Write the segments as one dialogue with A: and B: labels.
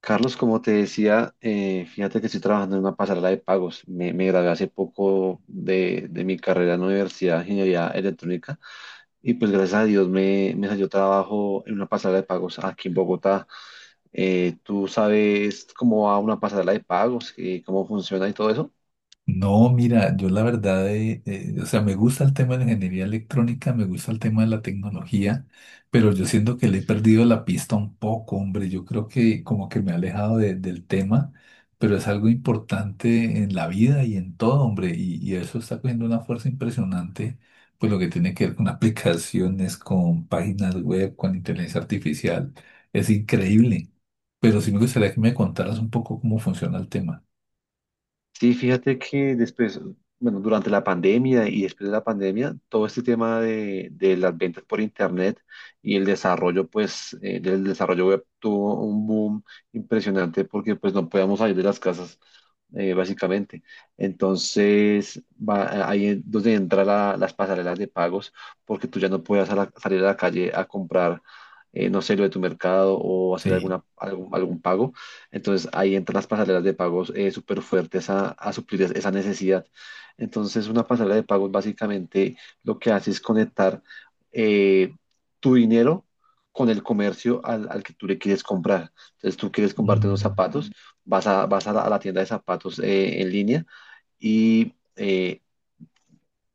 A: Carlos, como te decía, fíjate que estoy trabajando en una pasarela de pagos. Me gradué hace poco de mi carrera en la Universidad de Ingeniería Electrónica, y pues gracias a Dios me salió trabajo en una pasarela de pagos aquí en Bogotá. ¿Tú sabes cómo va una pasarela de pagos y cómo funciona y todo eso?
B: No, mira, yo la verdad, o sea, me gusta el tema de la ingeniería electrónica, me gusta el tema de la tecnología, pero yo siento que le he perdido la pista un poco, hombre. Yo creo que como que me he alejado del tema, pero es algo importante en la vida y en todo, hombre, y eso está cogiendo una fuerza impresionante, pues lo que tiene que ver con aplicaciones, con páginas web, con inteligencia artificial, es increíble. Pero sí me gustaría que me contaras un poco cómo funciona el tema.
A: Sí, fíjate que después, bueno, durante la pandemia y después de la pandemia, todo este tema de las ventas por internet y el desarrollo, pues, del desarrollo web, tuvo un boom impresionante porque, pues, no podíamos salir de las casas, básicamente. Entonces, va, ahí es donde entran las pasarelas de pagos, porque tú ya no puedes salir a la calle a comprar, no sé, lo de tu mercado o hacer
B: Sí.
A: algún pago. Entonces ahí entran las pasarelas de pagos, súper fuertes a suplir esa necesidad. Entonces una pasarela de pagos básicamente lo que hace es conectar, eh, tu dinero con el comercio al que tú le quieres comprar. Entonces tú quieres comprarte unos
B: Mm.
A: zapatos, vas a la tienda de zapatos, en línea y... eh,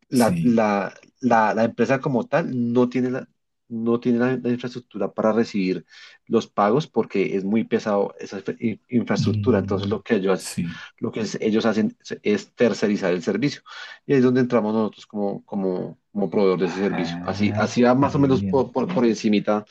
A: la,
B: Sí.
A: la, la empresa como tal no tiene la, no tiene la infraestructura para recibir los pagos, porque es muy pesado esa infraestructura. Entonces
B: Mm,
A: lo que
B: sí.
A: ellos hacen es tercerizar el servicio. Y ahí es donde entramos nosotros como, como proveedor de ese servicio.
B: Ah,
A: Así va
B: qué
A: más o menos
B: bien.
A: por encimita,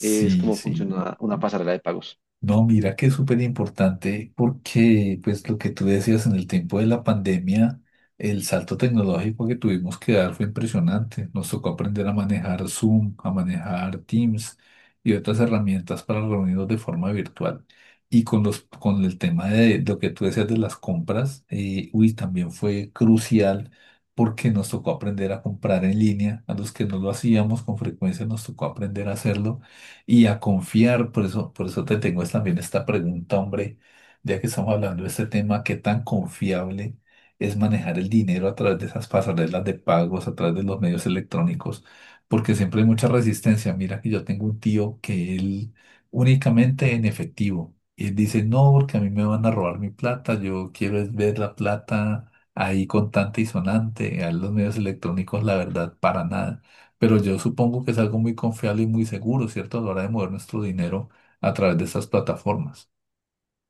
A: es como
B: sí.
A: funciona una pasarela de pagos.
B: No, mira que es súper importante porque, pues, lo que tú decías en el tiempo de la pandemia, el salto tecnológico que tuvimos que dar fue impresionante. Nos tocó aprender a manejar Zoom, a manejar Teams y otras herramientas para reunirnos de forma virtual. Y con los, con el tema de, lo que tú decías de las compras, uy, también fue crucial porque nos tocó aprender a comprar en línea. A los que no lo hacíamos con frecuencia nos tocó aprender a hacerlo y a confiar. Por eso te tengo es también esta pregunta, hombre, ya que estamos hablando de este tema, ¿qué tan confiable es manejar el dinero a través de esas pasarelas de pagos, a través de los medios electrónicos? Porque siempre hay mucha resistencia. Mira que yo tengo un tío que él únicamente en efectivo. Y él dice, no, porque a mí me van a robar mi plata, yo quiero es ver la plata ahí contante y sonante, a los medios electrónicos, la verdad, para nada. Pero yo supongo que es algo muy confiable y muy seguro, ¿cierto? A la hora de mover nuestro dinero a través de estas plataformas.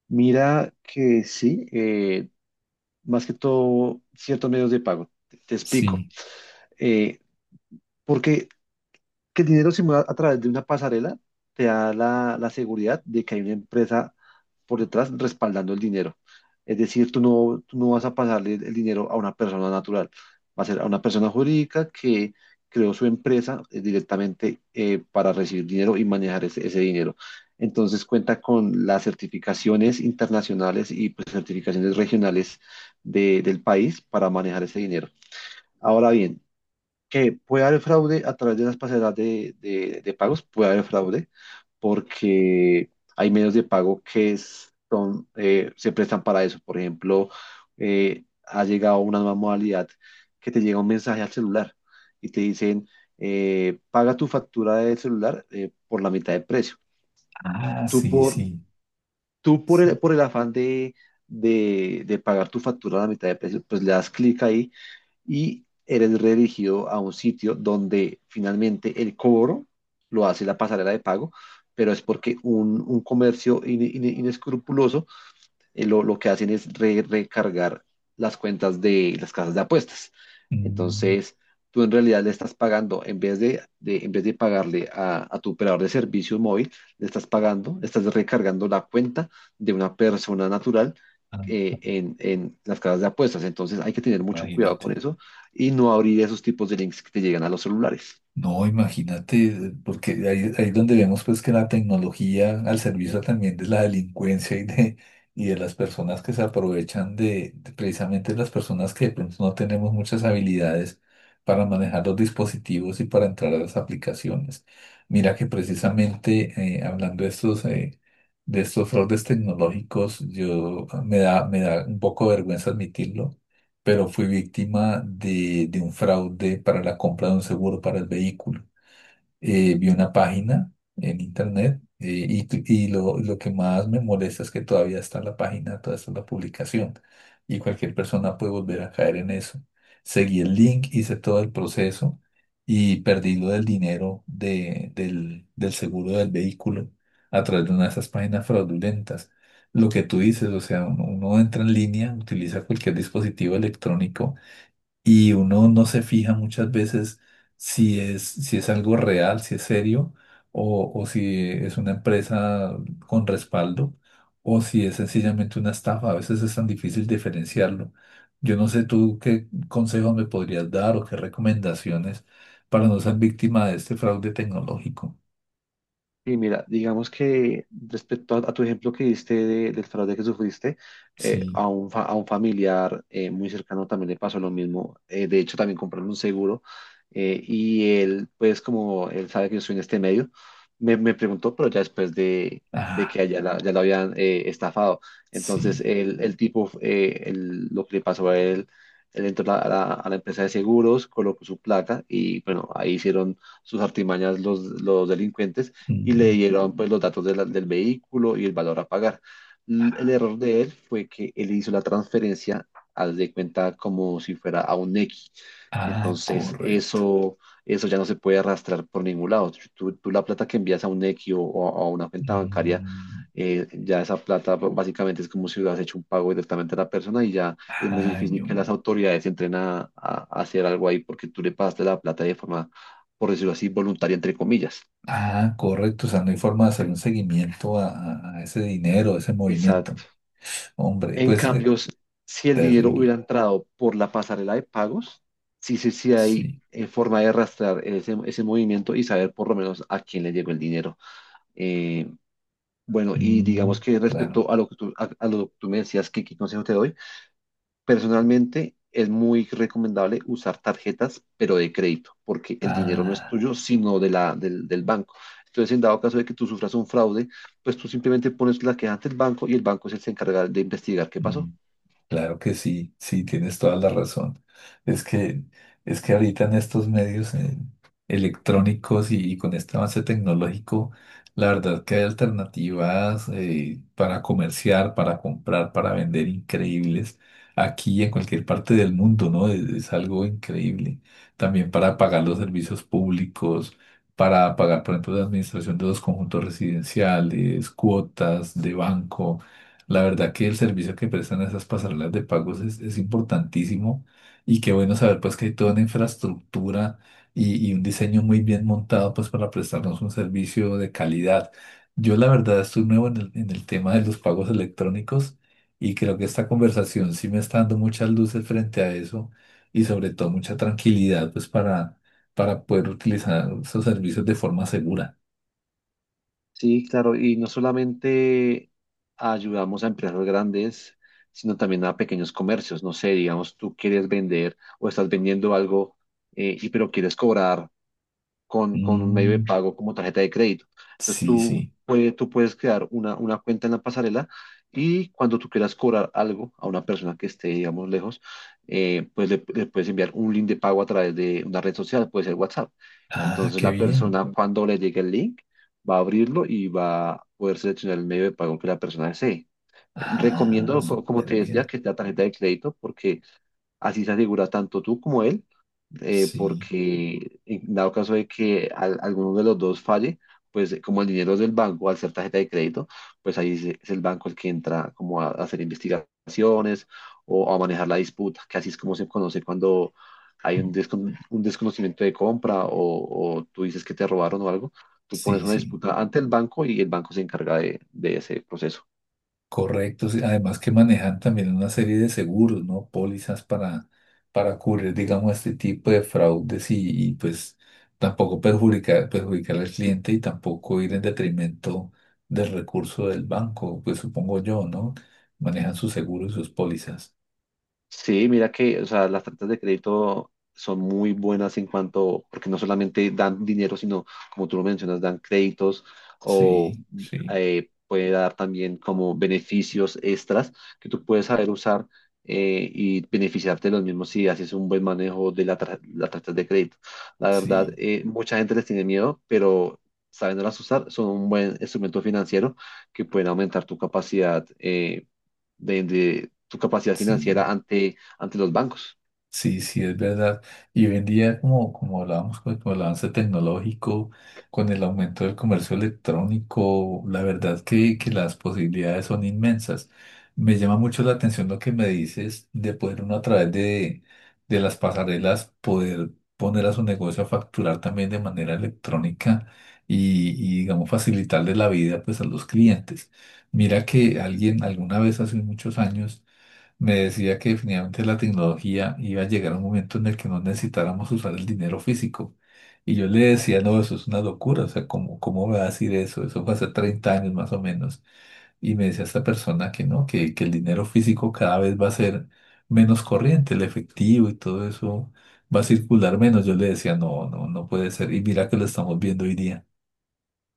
A: Mira que sí, más que todo ciertos medios de pago. Te explico.
B: Sí.
A: Eh, porque que el dinero simulado a través de una pasarela te da la seguridad de que hay una empresa por detrás respaldando el dinero. Es decir, tú no vas a pasarle el dinero a una persona natural, va a ser a una persona jurídica que creó su empresa, directamente, para recibir dinero y manejar ese dinero. Entonces cuenta con las certificaciones internacionales y, pues, certificaciones regionales del país para manejar ese dinero. Ahora bien, que puede haber fraude a través de las pasarelas de pagos, puede haber fraude, porque hay medios de pago que son, se prestan para eso. Por ejemplo, ha llegado una nueva modalidad que te llega un mensaje al celular y te dicen, paga tu factura del celular, por la mitad del precio.
B: Ah,
A: Tú
B: sí,
A: por,
B: sí,
A: tú por
B: sí.
A: por el afán de pagar tu factura a la mitad de precio, pues le das clic ahí y eres redirigido a un sitio donde finalmente el cobro lo hace la pasarela de pago, pero es porque un comercio inescrupuloso, lo que hacen es recargar las cuentas de las casas de apuestas.
B: Mm,
A: Entonces, tú en realidad le estás pagando, en vez en vez de pagarle a tu operador de servicio móvil, le estás pagando, estás recargando la cuenta de una persona natural,
B: ah,
A: en las casas de apuestas. Entonces, hay que tener mucho cuidado con
B: imagínate.
A: eso y no abrir esos tipos de links que te llegan a los celulares.
B: No, imagínate, porque ahí, ahí donde vemos pues que la tecnología al servicio también de la delincuencia y de las personas que se aprovechan de precisamente las personas que pues, no tenemos muchas habilidades para manejar los dispositivos y para entrar a las aplicaciones. Mira que precisamente hablando de estos fraudes tecnológicos, yo me da un poco de vergüenza admitirlo pero fui víctima de un fraude para la compra de un seguro para el vehículo, vi una página en internet, y lo que más me molesta es que todavía está la página, todavía está la publicación y cualquier persona puede volver a caer en eso. Seguí el link, hice todo el proceso y perdí lo del dinero del seguro del vehículo a través de una de esas páginas fraudulentas. Lo que tú dices, o sea, uno, uno entra en línea, utiliza cualquier dispositivo electrónico y uno no se fija muchas veces si es, si es algo real, si es serio, o si es una empresa con respaldo, o si es sencillamente una estafa. A veces es tan difícil diferenciarlo. Yo no sé tú qué consejos me podrías dar o qué recomendaciones para no ser víctima de este fraude tecnológico.
A: Y mira, digamos que respecto a tu ejemplo que diste del fraude que sufriste,
B: Sí,
A: a a un familiar muy cercano también le pasó lo mismo. De hecho, también compraron un seguro, y él, pues como él sabe que yo soy en este medio, me preguntó, pero ya después de
B: ah,
A: que ya, ya lo habían, estafado. Entonces,
B: sí.
A: el tipo, lo que le pasó a él, él entró a a la empresa de seguros, colocó su placa y bueno, ahí hicieron sus artimañas los delincuentes, y le
B: Mm.
A: dieron pues los datos de del vehículo y el valor a pagar. El error de él fue que él hizo la transferencia, haz de cuenta, como si fuera a un X.
B: Ah,
A: Entonces,
B: correcto.
A: eso ya no se puede arrastrar por ningún lado. Si tú la plata que envías a un X o a una cuenta bancaria,
B: Mm.
A: ya esa plata, pues, básicamente es como si hubieras hecho un pago directamente a la persona, y ya es muy
B: Ay,
A: difícil que
B: hombre.
A: las autoridades se entren a hacer algo ahí, porque tú le pagaste la plata de forma, por decirlo así, voluntaria, entre comillas.
B: Ah, correcto, o sea, no hay forma de hacer un seguimiento a, a ese dinero, a ese movimiento.
A: Exacto.
B: Hombre,
A: En
B: pues,
A: cambio, si el dinero hubiera
B: terrible,
A: entrado por la pasarela de pagos, sí, sí, sí hay,
B: sí.
A: forma de rastrear ese movimiento y saber por lo menos a quién le llegó el dinero. Eh, bueno, y digamos
B: Mm,
A: que
B: claro.
A: respecto a lo que tú, a lo que tú me decías, ¿que qué consejo te doy? Personalmente es muy recomendable usar tarjetas, pero de crédito, porque el dinero no es
B: Ah,
A: tuyo, sino de del banco. Entonces, en dado caso de que tú sufras un fraude, pues tú simplemente pones la queja ante el banco, y el banco es el que se encarga de investigar qué
B: mm.
A: pasó.
B: Claro que sí, sí, tienes toda la razón. Es que, es que ahorita en estos medios electrónicos y con este avance tecnológico, la verdad que hay alternativas para comerciar, para comprar, para vender increíbles aquí y en cualquier parte del mundo, ¿no? Es algo increíble. También para pagar los servicios públicos, para pagar, por ejemplo, la administración de los conjuntos residenciales, cuotas de banco. La verdad que el servicio que prestan esas pasarelas de pagos es importantísimo y qué bueno saber pues que hay toda una infraestructura y un diseño muy bien montado pues para prestarnos un servicio de calidad. Yo la verdad estoy nuevo en en el tema de los pagos electrónicos y creo que esta conversación sí me está dando muchas luces frente a eso y sobre todo mucha tranquilidad pues para poder utilizar esos servicios de forma segura.
A: Sí, claro, y no solamente ayudamos a empresas grandes, sino también a pequeños comercios. No sé, digamos, tú quieres vender o estás vendiendo algo, y pero quieres cobrar con un medio de
B: Mm,
A: pago como tarjeta de crédito. Entonces
B: sí, sí.
A: tú puedes crear una cuenta en la pasarela, y cuando tú quieras cobrar algo a una persona que esté, digamos, lejos, pues le puedes enviar un link de pago a través de una red social, puede ser WhatsApp.
B: Ah,
A: Entonces
B: qué
A: la
B: bien.
A: persona, cuando le llegue el link, va a abrirlo y va a poder seleccionar el medio de pago que la persona desee.
B: Ah,
A: Recomiendo, como
B: súper
A: te
B: bien.
A: decía, que sea tarjeta de crédito, porque así se asegura tanto tú como él,
B: Sí,
A: porque en dado caso de que alguno de los dos falle, pues, como el dinero es del banco, al ser tarjeta de crédito, pues ahí es el banco el que entra como a hacer investigaciones o a manejar la disputa, que así es como se conoce cuando hay un, un desconocimiento de compra, o tú dices que te robaron o algo, tú pones
B: sí,
A: una
B: sí.
A: disputa ante el banco y el banco se encarga de ese proceso.
B: Correcto. Sí. Además que manejan también una serie de seguros, ¿no? Pólizas para cubrir, digamos, este tipo de fraudes pues tampoco perjudicar, perjudicar al cliente y tampoco ir en detrimento del recurso del banco, pues supongo yo, ¿no? Manejan sus seguros y sus pólizas.
A: Sí, mira que, o sea, las tarjetas de crédito son muy buenas en cuanto, porque no solamente dan dinero, sino, como tú lo mencionas, dan créditos o,
B: Sí, sí,
A: puede dar también como beneficios extras que tú puedes saber usar, y beneficiarte de los mismos si haces un buen manejo de las tarjetas de crédito. La verdad,
B: sí,
A: mucha gente les tiene miedo, pero sabiéndolas usar, son un buen instrumento financiero que pueden aumentar tu capacidad, de tu capacidad
B: sí.
A: financiera ante, ante los bancos.
B: Sí, sí, es verdad. Y hoy en día, como, como hablábamos con el avance tecnológico, con el aumento del comercio electrónico, la verdad que las posibilidades son inmensas. Me llama mucho la atención lo que me dices de poder uno a través de las pasarelas poder poner a su negocio a facturar también de manera electrónica y digamos, facilitarle la vida pues a los clientes. Mira que alguien alguna vez hace muchos años me decía que definitivamente la tecnología iba a llegar a un momento en el que no necesitáramos usar el dinero físico. Y yo le decía, no, eso es una locura, o sea, ¿cómo, cómo va a decir eso? Eso fue hace 30 años más o menos. Y me decía esta persona que no, que el dinero físico cada vez va a ser menos corriente, el efectivo y todo eso va a circular menos. Yo le decía, no, no, no puede ser. Y mira que lo estamos viendo hoy día.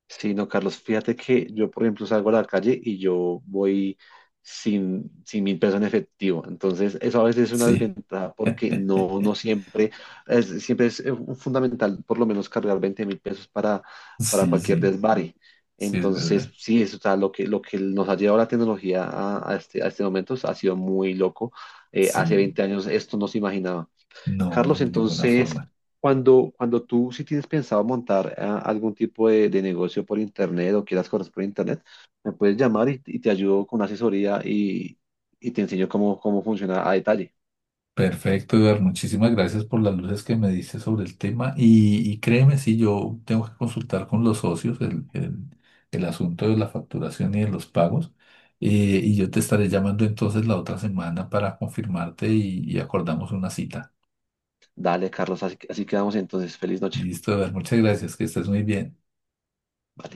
A: Sí, no, Carlos, fíjate que yo, por ejemplo, salgo a la calle y yo voy sin 1.000 pesos en efectivo. Entonces, eso a veces es una
B: Sí,
A: desventaja porque no, no siempre, es, siempre es, fundamental por lo menos cargar 20.000 pesos para
B: sí,
A: cualquier
B: sí,
A: desvare.
B: sí, es
A: Entonces,
B: verdad.
A: sí, eso, o sea, lo que nos ha llevado la tecnología a este momento, o sea, ha sido muy loco. Hace
B: Sí,
A: 20 años esto no se imaginaba.
B: no,
A: Carlos,
B: de ninguna
A: entonces,
B: forma.
A: cuando tú, si tienes pensado montar, algún tipo de negocio por internet o quieras cosas por internet, me puedes llamar y te ayudo con una asesoría, y te enseño cómo, cómo funciona a detalle.
B: Perfecto, Eduardo. Muchísimas gracias por las luces que me diste sobre el tema. Y créeme, si yo tengo que consultar con los socios el asunto de la facturación y de los pagos. Y yo te estaré llamando entonces la otra semana para confirmarte y acordamos una cita.
A: Dale, Carlos, así quedamos entonces. Feliz noche.
B: Listo, Eduardo. Muchas gracias. Que estés muy bien.